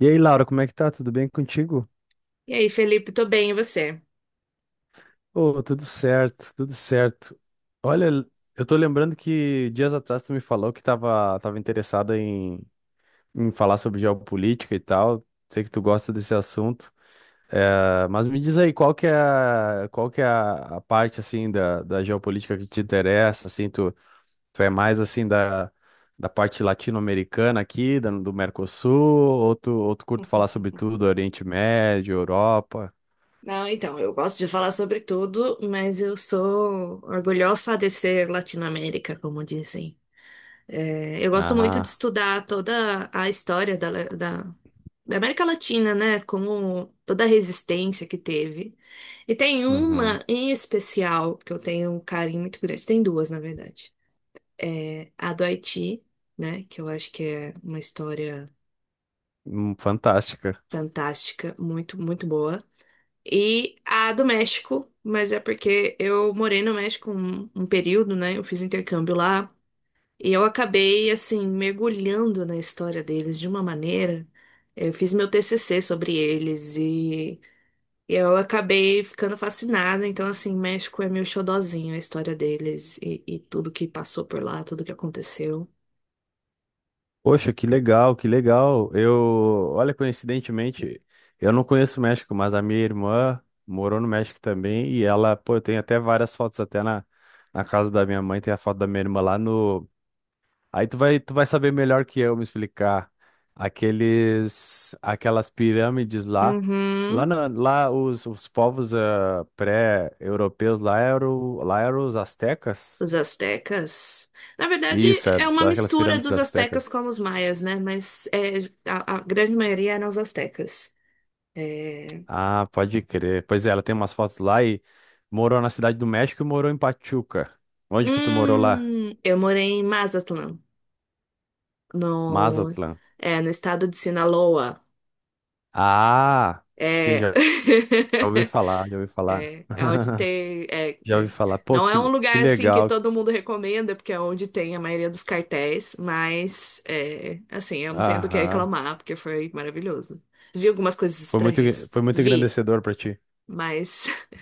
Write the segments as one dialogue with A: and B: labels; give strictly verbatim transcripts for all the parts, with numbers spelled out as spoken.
A: E aí, Laura, como é que tá? Tudo bem contigo?
B: E aí, Felipe, tô bem, e você?
A: Ô, tudo certo, tudo certo. Olha, eu tô lembrando que dias atrás tu me falou que tava, tava interessada em, em falar sobre geopolítica e tal. Sei que tu gosta desse assunto. É, mas me diz aí, qual que é, a- qual que é a, a parte, assim, da, da geopolítica que te interessa? Assim, tu, tu é mais, assim, da, da parte latino-americana aqui, da- do Mercosul? Ou tu, ou tu curte falar sobre tudo, Oriente Médio, Europa?
B: Não, então, eu gosto de falar sobre tudo, mas eu sou orgulhosa de ser Latinoamérica, como dizem. É, eu gosto muito de
A: Ah.
B: estudar toda a história da, da, da América Latina, né? Como toda a resistência que teve. E tem
A: Uhum.
B: uma em especial que eu tenho um carinho muito grande. Tem duas, na verdade. É a do Haiti, né? Que eu acho que é uma história
A: Hum, Fantástica.
B: fantástica, muito, muito boa. E a do México, mas é porque eu morei no México um, um período, né? Eu fiz intercâmbio lá. E eu acabei, assim, mergulhando na história deles de uma maneira. Eu fiz meu T C C sobre eles e eu acabei ficando fascinada. Então, assim, México é meu xodozinho, a história deles e, e tudo que passou por lá, tudo que aconteceu.
A: Poxa, que legal, que legal. Eu, olha, coincidentemente, eu não conheço o México, mas a minha irmã morou no México também e ela, pô, tem até várias fotos até na, na casa da minha mãe, tem a foto da minha irmã lá no. Aí tu vai, tu vai saber melhor que eu me explicar. Aqueles, aquelas pirâmides lá, lá,
B: Uhum.
A: na- lá os, os povos ah, pré-europeus lá eram, lá eram os astecas.
B: Os astecas. Na verdade,
A: Isso, é
B: é uma
A: daquelas
B: mistura
A: pirâmides
B: dos
A: astecas.
B: astecas com os maias, né? Mas é, a, a grande maioria eram os astecas. É,
A: Ah, pode crer. Pois é, ela tem umas fotos lá e morou na Cidade do México e morou em Pachuca. Onde que tu morou lá?
B: Hum, eu morei em Mazatlán, no,
A: Mazatlán.
B: é, no estado de Sinaloa.
A: Ah, sim,
B: É.
A: já, já ouvi falar, já ouvi falar.
B: É, é onde tem. É,
A: Já
B: é.
A: ouvi falar. Pô,
B: Não
A: que,
B: é um
A: le- que
B: lugar assim que
A: legal.
B: todo mundo recomenda, porque é onde tem a maioria dos cartéis, mas é, assim, eu não tenho do que
A: Aham.
B: reclamar, porque foi maravilhoso. Vi algumas coisas
A: Foi muito,
B: estranhas.
A: foi muito
B: Vi,
A: engrandecedor pra ti.
B: mas.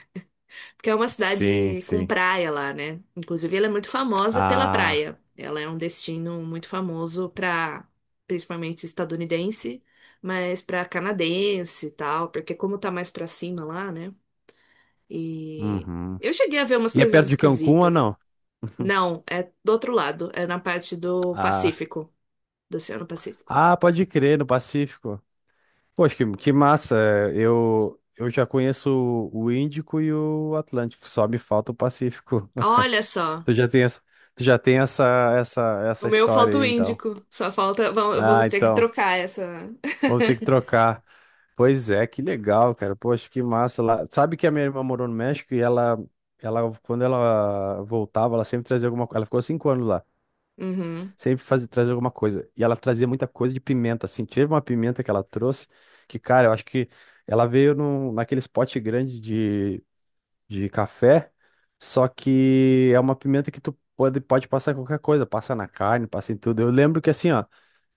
B: Porque é uma
A: Sim,
B: cidade com
A: sim.
B: praia lá, né? Inclusive, ela é muito famosa pela
A: Ah,
B: praia. Ela é um destino muito famoso para, principalmente estadunidense, mas para canadense e tal, porque como tá mais para cima lá, né? E
A: uhum.
B: eu cheguei a ver umas
A: E é
B: coisas
A: perto de Cancún ou
B: esquisitas.
A: não?
B: Não, é do outro lado, é na parte do
A: Ah,
B: Pacífico, do Oceano Pacífico.
A: ah, pode crer, no Pacífico. Poxa, que, que massa. é, Eu, eu já conheço o Índico e o Atlântico, só me falta o Pacífico.
B: Olha só,
A: Tu já tem essa, tu já tem essa, essa, essa
B: o meu
A: história
B: falta
A: aí,
B: o
A: então.
B: Índico, só falta, va-
A: Ah,
B: vamos ter que
A: então,
B: trocar essa.
A: vou ter que trocar. Pois é, que legal, cara. Poxa, que massa lá. Sabe que a minha irmã morou no México e ela, ela, quando ela voltava, ela sempre trazia alguma coisa. Ela ficou cinco anos lá.
B: Uhum.
A: Sempre faz, traz alguma coisa. E ela trazia muita coisa de pimenta, assim. Teve uma pimenta que ela trouxe, que, cara, eu acho que ela veio num, naquele pote grande de, de café, só que é uma pimenta que tu pode, pode passar em qualquer coisa, passa na carne, passa em tudo. Eu lembro que, assim, ó,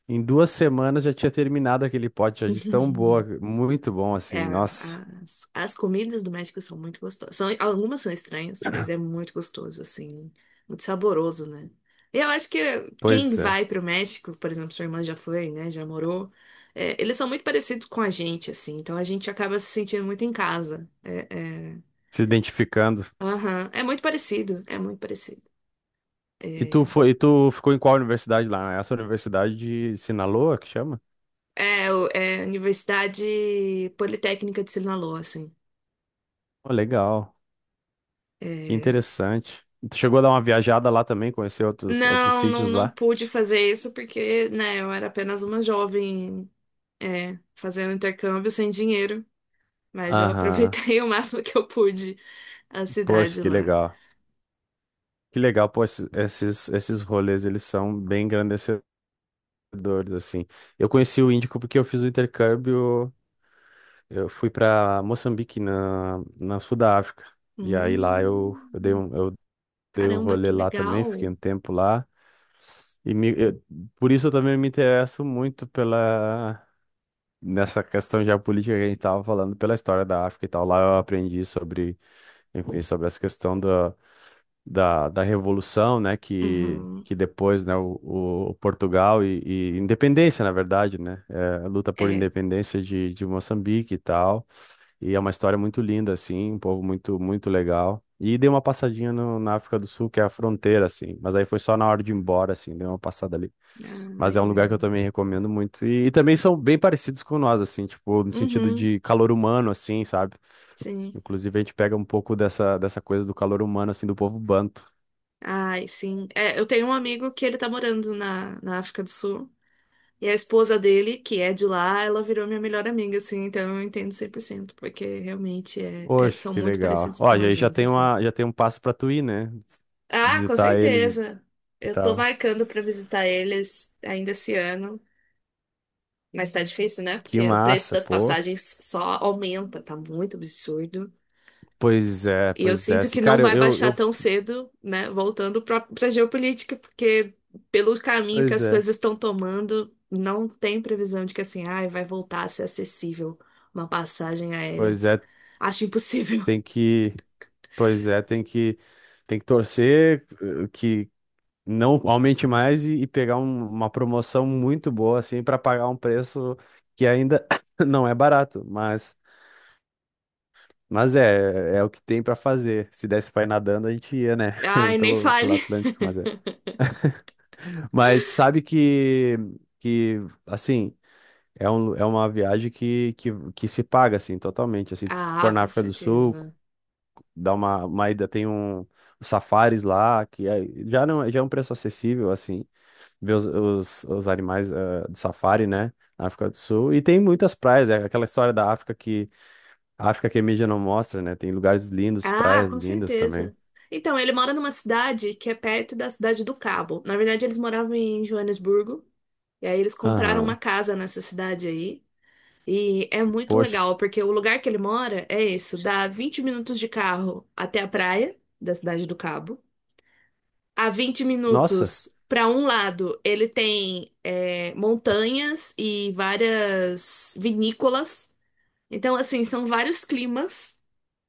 A: em duas semanas já tinha terminado aquele pote, já de tão boa, muito bom,
B: É,
A: assim, nossa.
B: as, as comidas do México são muito gostosas. São, algumas são estranhas, mas é muito gostoso, assim, muito saboroso, né? E eu acho que quem
A: Pois é,
B: vai para o México, por exemplo, sua irmã já foi, né? Já morou. É, eles são muito parecidos com a gente, assim, então a gente acaba se sentindo muito em casa. É, é,
A: se identificando.
B: aham, é muito parecido, é muito parecido.
A: E tu
B: É,
A: foi, e tu ficou em qual universidade lá? É Essa universidade de Sinaloa, que chama?
B: é, o- é a Universidade Politécnica de Sinaloa, assim.
A: Oh, legal. Que
B: É,
A: interessante. Tu chegou a dar uma viajada lá também, conhecer outros, outros
B: não, não,
A: sítios
B: não
A: lá?
B: pude fazer isso porque, né, eu era apenas uma jovem, é, fazendo intercâmbio sem dinheiro, mas eu
A: Aham.
B: aproveitei o máximo que eu pude a
A: Poxa,
B: cidade
A: que
B: lá.
A: legal. Que legal, pô, esses, esses, esses rolês, eles são bem engrandecedores, assim. Eu conheci o Índico porque eu fiz o intercâmbio, eu fui para Moçambique, na, na sul da África. E aí lá eu, eu dei
B: Hum,
A: um, eu dei um
B: caramba,
A: rolê
B: que
A: lá também, fiquei um
B: legal.
A: tempo lá. E me- eu- por isso eu também me interesso muito pela, nessa questão geopolítica que a gente estava falando pela história da África e tal, lá eu aprendi sobre, enfim, sobre essa questão da, da, da revolução, né, que,
B: Uhum,
A: que depois, né, o, o Portugal e, e independência, na verdade, né, é, a luta por
B: é.
A: independência de, de Moçambique e tal, e é uma história muito linda, assim, um povo muito, muito legal. E dei uma passadinha no- na África do Sul, que é a fronteira, assim. Mas aí foi só na hora de ir embora, assim, dei uma passada ali.
B: Ai,
A: Mas é um
B: que
A: lugar que eu
B: legal.
A: também recomendo muito. E, e também são bem parecidos com nós, assim, tipo, no sentido
B: Uhum,
A: de calor humano, assim, sabe?
B: sim.
A: Inclusive a gente pega um pouco dessa, dessa coisa do calor humano, assim, do povo banto.
B: Ai, sim. É, eu tenho um amigo que ele tá morando na, na África do Sul. E a esposa dele, que é de lá, ela virou minha melhor amiga, assim, então eu entendo cem por cento porque realmente é, é-
A: Poxa,
B: são
A: que
B: muito
A: legal.
B: parecidos
A: Ó,
B: com
A: e
B: a
A: aí já
B: gente,
A: tem
B: assim.
A: uma, já tem um passo pra tu ir, né?
B: Ah, com
A: Visitar eles
B: certeza.
A: e
B: Eu tô
A: tal.
B: marcando pra visitar eles ainda esse ano, mas tá difícil, né?
A: Que
B: Porque o preço
A: massa,
B: das
A: pô.
B: passagens só aumenta, tá muito absurdo.
A: Pois é,
B: E eu
A: pois é.
B: sinto
A: Assim,
B: que não
A: cara. Eu,
B: vai
A: eu,
B: baixar
A: eu
B: tão cedo, né? Voltando para a geopolítica, porque pelo caminho que
A: Pois
B: as
A: é,
B: coisas estão tomando, não tem previsão de que assim, ai, vai voltar a ser acessível uma passagem aérea.
A: pois é,
B: Acho impossível.
A: tem que, pois é, tem que, tem que torcer eh, que não aumente mais e, e pegar um- uma promoção muito boa assim para pagar um preço que ainda não é barato, mas mas é, é o que tem para fazer. Se desse para ir nadando, a gente ia, né,
B: Ai, nem
A: pelo pelo
B: fale.
A: Atlântico, mas é. Mas sabe que que assim, é, um, é uma viagem que, que, que se paga assim totalmente, assim, se tu for
B: Ah,
A: na
B: com
A: África do Sul,
B: certeza.
A: Dá uma, uma ida, tem um os safaris lá, que é- já não, já é um preço acessível, assim, ver os, os, os animais eh, do safari, né? Na África do Sul. E tem muitas praias, é aquela história da África que a África que a mídia não mostra, né? Tem lugares lindos,
B: Ah,
A: praias
B: com
A: lindas também.
B: certeza. Então, ele mora numa cidade que é perto da cidade do Cabo. Na verdade, eles moravam em Joanesburgo, e aí eles compraram uma
A: Aham.
B: casa nessa cidade aí. E é muito
A: Poxa.
B: legal, porque o lugar que ele mora é isso, dá vinte minutos de carro até a praia da Cidade do Cabo. A vinte
A: Nossa,
B: minutos para um lado, ele tem é, montanhas e várias vinícolas. Então, assim, são vários climas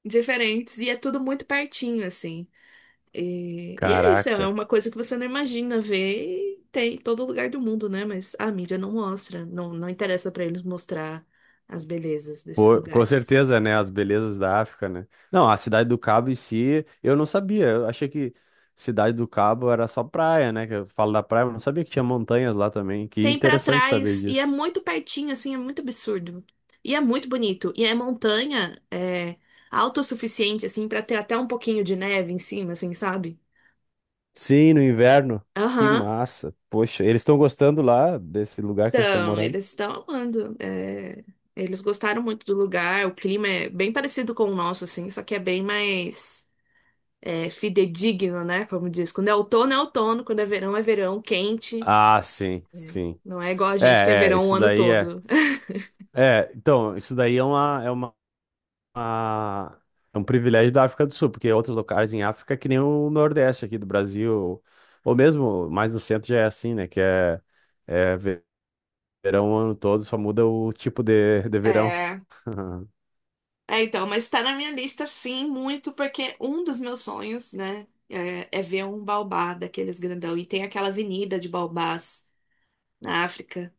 B: diferentes e é tudo muito pertinho, assim. E, e é isso, é
A: caraca.
B: uma coisa que você não imagina ver e tem em todo lugar do mundo, né? Mas a mídia não mostra, não, não interessa pra eles mostrar as belezas desses
A: Pô, com
B: lugares.
A: certeza, né? As belezas da África, né? Não, a Cidade do Cabo em si, eu não sabia. Eu achei que Cidade do Cabo era só praia, né? Que eu falo da praia, mas não sabia que tinha montanhas lá também. Que
B: Tem pra
A: interessante saber
B: trás e é
A: disso.
B: muito pertinho, assim, é muito absurdo. E é muito bonito. E é montanha, é autossuficiente, assim, pra ter até um pouquinho de neve em cima, assim, sabe?
A: Sim, no inverno. Que
B: Aham.
A: massa. Poxa, eles estão gostando lá desse lugar que eles estão
B: Então,
A: morando?
B: eles estão amando. É, eles gostaram muito do lugar, o clima é bem parecido com o nosso, assim, só que é bem mais. É, fidedigno, né? Como diz, quando é outono é outono, quando é verão é verão, quente.
A: Ah, sim, sim.
B: Não é igual a
A: É,
B: gente que é
A: é,
B: verão o
A: isso
B: ano
A: daí é.
B: todo.
A: É, então, isso daí é uma, é uma uma- é um privilégio da África do Sul, porque outros locais em África, que nem o Nordeste aqui do Brasil, ou mesmo mais no centro já é assim, né? Que é, é ve- verão o ano todo, só muda o tipo de, de verão.
B: É, é então, mas tá na minha lista sim, muito, porque um dos meus sonhos, né, é, é ver um baobá daqueles grandão. E tem aquela avenida de baobás na África,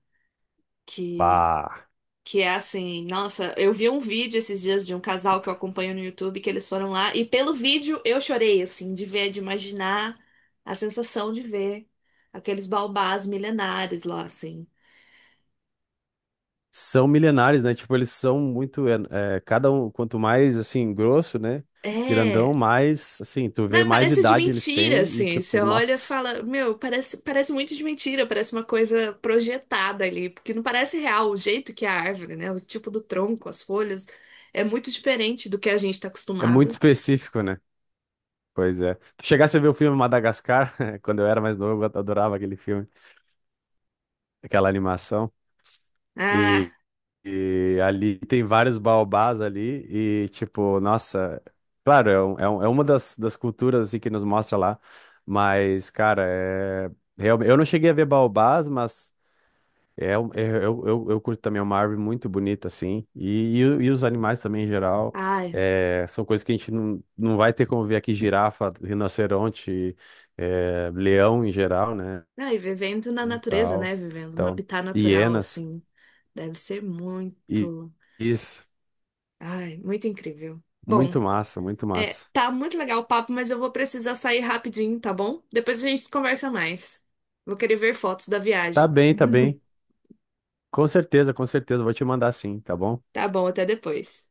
B: que
A: Bah.
B: Que é assim, nossa, eu vi um vídeo esses dias de um casal que eu acompanho no YouTube, que eles foram lá, e pelo vídeo eu chorei, assim, de ver, de imaginar a sensação de ver aqueles baobás milenares lá, assim.
A: São milenares, né? Tipo, eles são muito. É, é, cada um, quanto mais assim, grosso, né?
B: É,
A: Grandão, mais assim, tu vê
B: né,
A: mais
B: parece de
A: idade eles
B: mentira,
A: têm e,
B: assim, você
A: tipo,
B: olha e
A: nossa,
B: fala, meu, parece, parece muito de mentira, parece uma coisa projetada ali, porque não parece real o jeito que é a árvore, né, o tipo do tronco, as folhas, é muito diferente do que a gente tá
A: é muito
B: acostumado.
A: específico, né? Pois é. Tu chegasse a ver o filme Madagascar, quando eu era mais novo, eu adorava aquele filme, aquela animação.
B: Ah,
A: E, e ali tem vários baobás ali e, tipo, nossa, claro, é, um- é, um- é uma das, das culturas assim, que nos mostra lá, mas, cara, é, realmente, eu não cheguei a ver baobás, mas é, um- é- eu, eu, eu curto também, é uma árvore muito bonita, assim, e, e, o- e os animais também em geral,
B: ai.
A: é, são coisas que a gente não, não vai ter como ver aqui, girafa, rinoceronte, é, leão em geral, né,
B: Não, e vivendo na
A: e
B: natureza,
A: tal,
B: né? Vivendo no
A: então,
B: habitat natural,
A: hienas.
B: assim. Deve ser
A: I-
B: muito.
A: Isso.
B: Ai, muito incrível. Bom,
A: Muito massa, muito
B: é,
A: massa.
B: tá muito legal o papo, mas eu vou precisar sair rapidinho, tá bom? Depois a gente conversa mais. Vou querer ver fotos da
A: Tá
B: viagem.
A: bem, tá bem. Com certeza, com certeza. Vou te mandar sim, tá bom?
B: Tá bom, até depois.